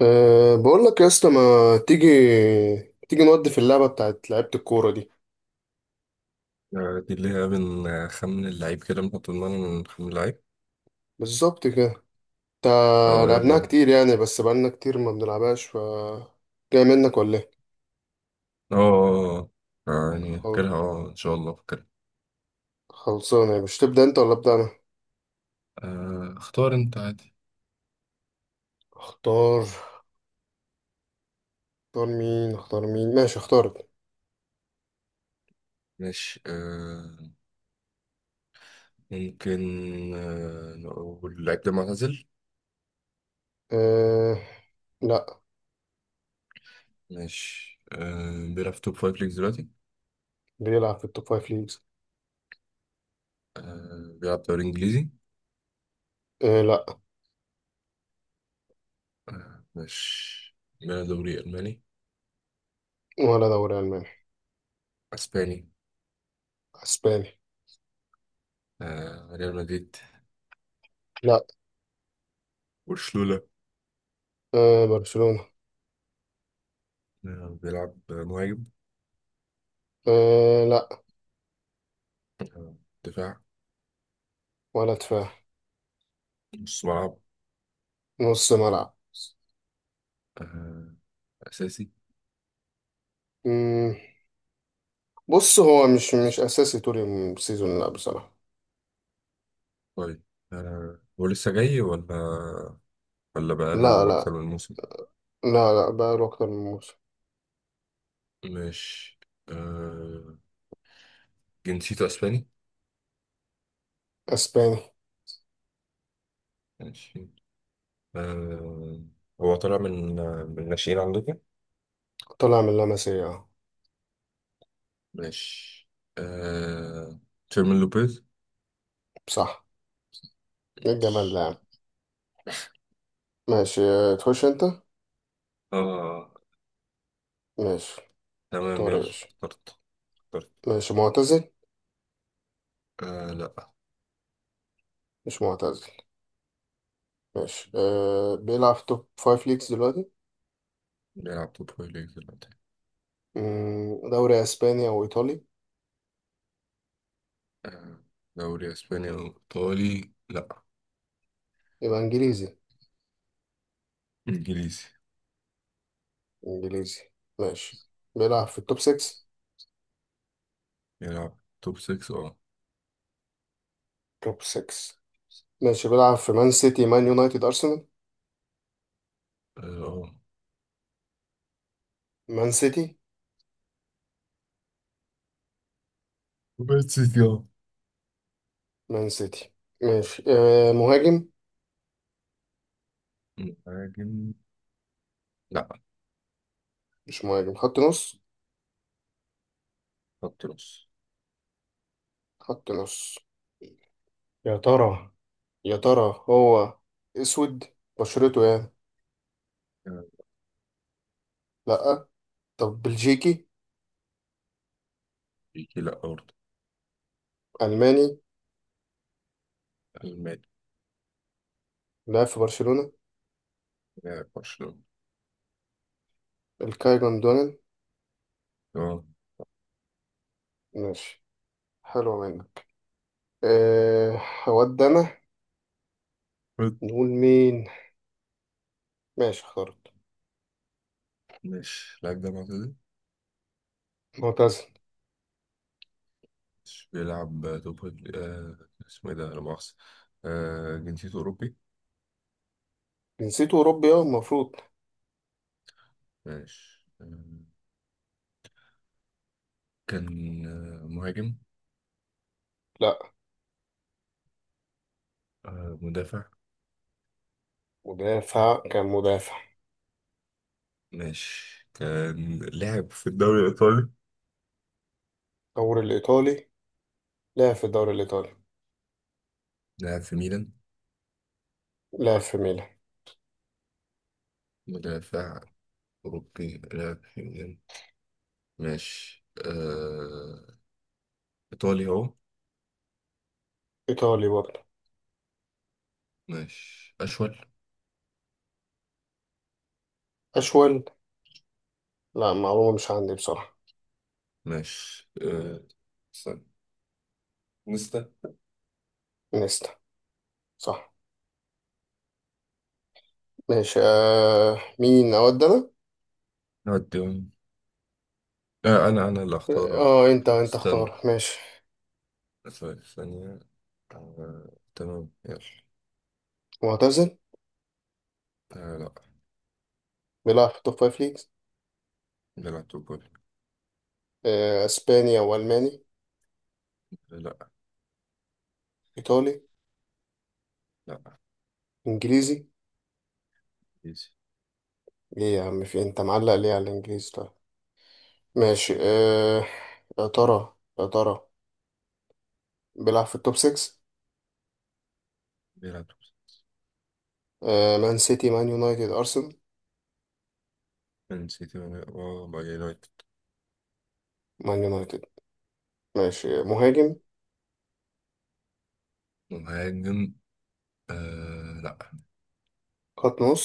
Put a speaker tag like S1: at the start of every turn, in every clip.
S1: بقول لك يا اسطى ما تيجي تيجي نودي في اللعبة بتاعت لعيبة الكورة دي.
S2: دي اللي هي من خمن اللعيب كده، بنحط دماغنا من خمن اللعيب.
S1: بالظبط كده. تا
S2: اه،
S1: لعبناها
S2: يلا.
S1: كتير يعني، بس بقالنا كتير ما بنلعبهاش. ف جاي منك ولا ايه؟
S2: اه، آه. يعني
S1: خل...
S2: فاكرها ان شاء الله فاكرها.
S1: خلصانة، مش تبدأ انت ولا أبدأ انا؟
S2: اختار انت عادي.
S1: اختار. اختار مين اختار مين؟ ماشي اختارت.
S2: ماشي، آه. ممكن. نقول اللعيب ده معتزل؟
S1: أه لا.
S2: ماشي. بيلعب في توب فايف ليجز دلوقتي؟
S1: بيلعب في التوب فايف ليجز.
S2: بيلعب دوري انجليزي؟
S1: أه لا.
S2: آه، ماشي. بيلعب دوري الماني؟
S1: ولا دوري ألماني.
S2: اسباني؟
S1: اسباني.
S2: ريال مدريد؟
S1: لا.
S2: برشلونة؟
S1: أه برشلونة.
S2: بيلعب مهاجم؟
S1: أه لا.
S2: آه دفاع؟
S1: ولا دفاع.
S2: نص ملعب؟
S1: نص
S2: آه. أساسي؟
S1: ملعب. بص، هو مش اساسي طول السيزون، لا بصراحه.
S2: طيب. هو لسه جاي ولا ولا
S1: لا
S2: بقاله أكتر
S1: لا.
S2: من موسم؟
S1: لا لا، بقى له اكتر من موسم.
S2: مش آه، جنسيته أسباني؟
S1: اسباني.
S2: ماشي. آه، هو طالع من الناشئين عندكم؟
S1: طلع من لاماسيا أهو.
S2: ماشي. آه، تشيرمين لوبيز؟
S1: صح. إيه الجمال ده
S2: ماشي،
S1: يا عم. ماشي آه، تخش انت.
S2: آه.
S1: ماشي
S2: تمام،
S1: اختار
S2: يلا.
S1: يا باشا.
S2: اخترت اخترت.
S1: ماشي معتزل.
S2: آه، لأ.
S1: مش معتزل. ماشي أه، بيلعب في توب فايف ليجز دلوقتي.
S2: بيلعب توب فايف ليجز دلوقتي؟
S1: مم، دوري اسباني او ايطالي؟
S2: آه، دوري أسباني أو إيطالي؟ لأ.
S1: يبقى انجليزي.
S2: إنجليزي؟
S1: انجليزي. ماشي، بيلعب في التوب 6.
S2: بيلعب توب 6، اه.
S1: توب 6. ماشي بيلعب في مان سيتي مان يونايتد ارسنال.
S2: آه،
S1: مان سيتي.
S2: بس يا...
S1: مان سيتي. ماشي آه مهاجم.
S2: مهاجم؟ لا.
S1: مش مهاجم، خط نص.
S2: خط نص؟
S1: خط نص. يا ترى، يا ترى هو اسود بشرته يعني؟
S2: آه،
S1: لا. طب بلجيكي؟
S2: بيجي؟ لا برضه.
S1: الماني.
S2: الماني؟
S1: لعب في برشلونة.
S2: لاعب برشلونة؟
S1: الكاي جوندوجان.
S2: تمام.
S1: ماشي، حلو منك. أه، هود انا
S2: بس-
S1: نقول مين. ماشي اخترت.
S2: مش اللاعب ده معتزل؟
S1: معتزل.
S2: مش بيلعب توب فايف- آه، اسمه ايه ده، لا مؤاخذة؟ جنسيته أوروبي؟
S1: جنسيته اوروبي اه المفروض.
S2: ماشي. كان مهاجم؟
S1: لا.
S2: مدافع؟
S1: مدافع، كان مدافع.
S2: ماشي. كان لاعب في الدوري الإيطالي؟
S1: الدوري الايطالي. لعب في الدوري الايطالي.
S2: لاعب في ميلان؟
S1: لعب في ميلان.
S2: مدافع أوروبي، لاعب في ميلان. ماشي، آه. إيطالي أهو.
S1: ايطالي برضه.
S2: ماشي. أشول؟
S1: أشول. لا معلومة مش عندي بصراحة.
S2: ماشي. استنى. نستا؟
S1: نيستا. صح. ماشي آه، مين أود أنا؟
S2: نوديهم. أه، أنا اللي أختار أهو.
S1: اه انت انت اختار
S2: استنى.
S1: ماشي.
S2: ثواني، ثانية. أه، تمام، يلا.
S1: معتزل.
S2: أه، لا.
S1: بيلعب في توب فايف ليجز.
S2: بيلعب توبول؟
S1: آه، اسبانيا والماني.
S2: لا.
S1: ايطالي.
S2: لا.
S1: انجليزي.
S2: إيزي.
S1: ايه يا عم في إيه؟ انت معلق ليه على الانجليزي طيب؟ ماشي آه، يا ترى يا ترى بيلعب في التوب 6.
S2: بيلعب توبول؟
S1: مان سيتي مان يونايتد ارسنال.
S2: مان سيتي ولا- أه، بقى يونايتد؟
S1: مان يونايتد. ماشي مهاجم.
S2: مهاجم؟ أه، لا.
S1: خط نص.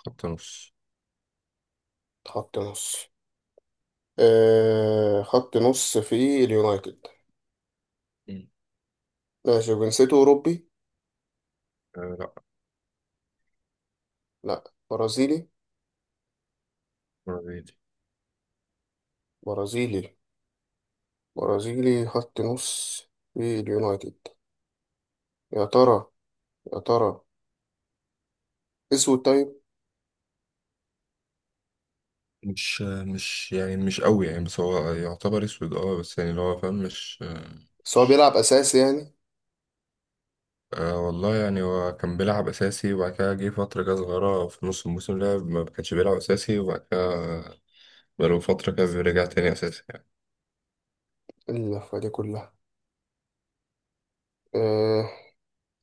S2: خط نص؟
S1: خط نص. آه، خط نص في اليونايتد.
S2: مم.
S1: ماشي جنسيته أوروبي؟
S2: أه، لا.
S1: لأ. برازيلي؟
S2: برازيلي؟
S1: برازيلي. برازيلي خط نص في اليونايتد. يا ترى، يا ترى أسود طيب؟
S2: مش يعني مش قوي، يعني بس هو يعتبر اسود، اه، بس يعني اللي هو فاهم، مش... آه،
S1: بس هو
S2: مش
S1: بيلعب أساسي يعني؟
S2: والله يعني هو كان بيلعب أساسي، وبعد كده جه فترة كده صغيرة في نص الموسم لعب ما كانش بيلعب أساسي، وبعد كده بقاله فترة كده رجع تاني أساسي يعني.
S1: اللفة دي كلها؟ آه،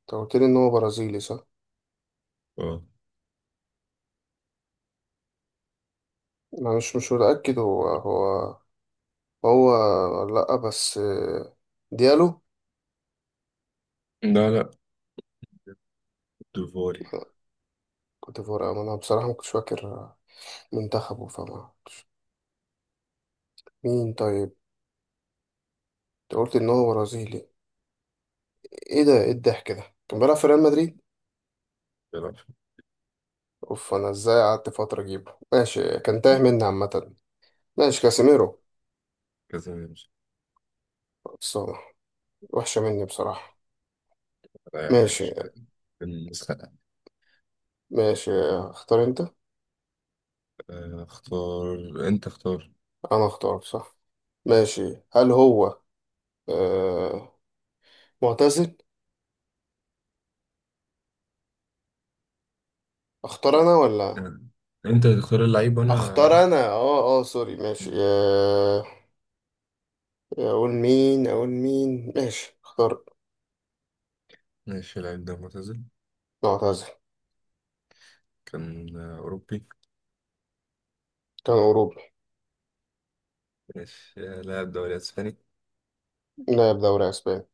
S1: أنت قلت لي إن هو برازيلي صح؟
S2: اه.
S1: أنا مش متأكد هو هو ولا لأ، بس آه، ديالو.
S2: لا، لا. ديفوري.
S1: كوتيفوار، أنا بصراحة ما كنتش فاكر منتخبه فما. مين طيب؟ أنت قلت إن هو برازيلي. إيه ده إيه الضحك ده؟ كان بيلعب في ريال مدريد؟
S2: بيلعب في
S1: اوف، انا ازاي قعدت فترة اجيبه؟ ماشي، كان تايه مني عامة. ماشي كاسيميرو.
S2: كذا، مش...
S1: بس هو وحشة مني بصراحة.
S2: ولا أي حاجة،
S1: ماشي.
S2: مش عارف. المسخرة.
S1: ماشي اختار انت.
S2: اختار أنت، اختار.
S1: انا اختار صح؟ ماشي، هل هو آه معتزل؟ اختار انا ولا؟
S2: آه. أنت تختار اللعيب
S1: اختار
S2: وأنا أسأل.
S1: انا اه اه سوري، ماشي آه. اقول مين اقول مين ماشي اختار.
S2: ماشي. اللعيب ده معتزل؟
S1: معتزل.
S2: كان أوروبي؟
S1: كان اوروبي.
S2: ماشي. لاعب دوري أسباني؟
S1: لاعب دوري اسباني.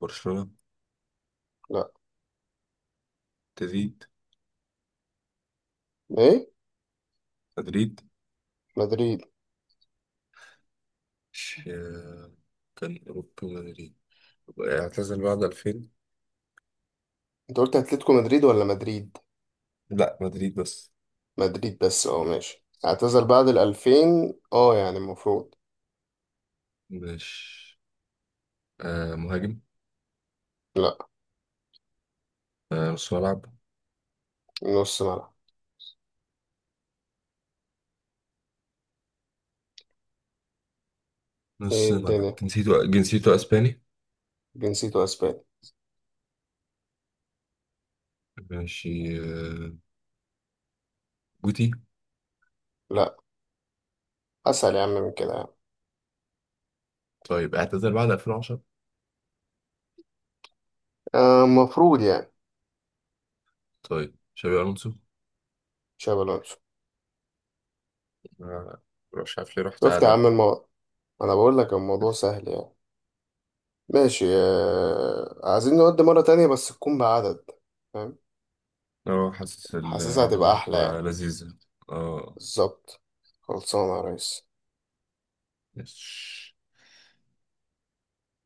S2: برشلونة؟
S1: لا.
S2: تزيد؟
S1: ايه.
S2: مدريد؟
S1: مدريد.
S2: مش آه، كان أوروبا مدريد. اعتزل بعد 2000؟
S1: انت قلت اتلتيكو مدريد ولا مدريد؟
S2: لا، مدريد بس.
S1: مدريد بس اه ماشي، اعتزل بعد الألفين اه يعني المفروض.
S2: مش مهاجم؟
S1: لا.
S2: نص ملعب؟
S1: نص ملعب. ايه
S2: نص ملعب.
S1: الدنيا.
S2: جنسيته اسباني؟
S1: جنسيته اسباني.
S2: ماشي. آه جوتي؟
S1: لا. اسهل يا عم من كده يعني.
S2: طيب، اعتزل بعد 2010؟
S1: آه، المفروض يعني.
S2: طيب، شابي الونسو؟
S1: تشابي الونسو.
S2: آه، مش عارف ليه رحت
S1: شفت يا
S2: قاعدة.
S1: عم الموضوع؟ انا بقول لك الموضوع
S2: بس.
S1: سهل يعني. ماشي آه، عايزين نودي مرة تانية بس تكون بعدد، فاهم؟
S2: اه، حاسس
S1: حاسسها
S2: القعدة
S1: هتبقى
S2: دي
S1: احلى يعني.
S2: هتبقى لذيذة. اه.
S1: بالظبط. خلصانة يا ريس.
S2: يس.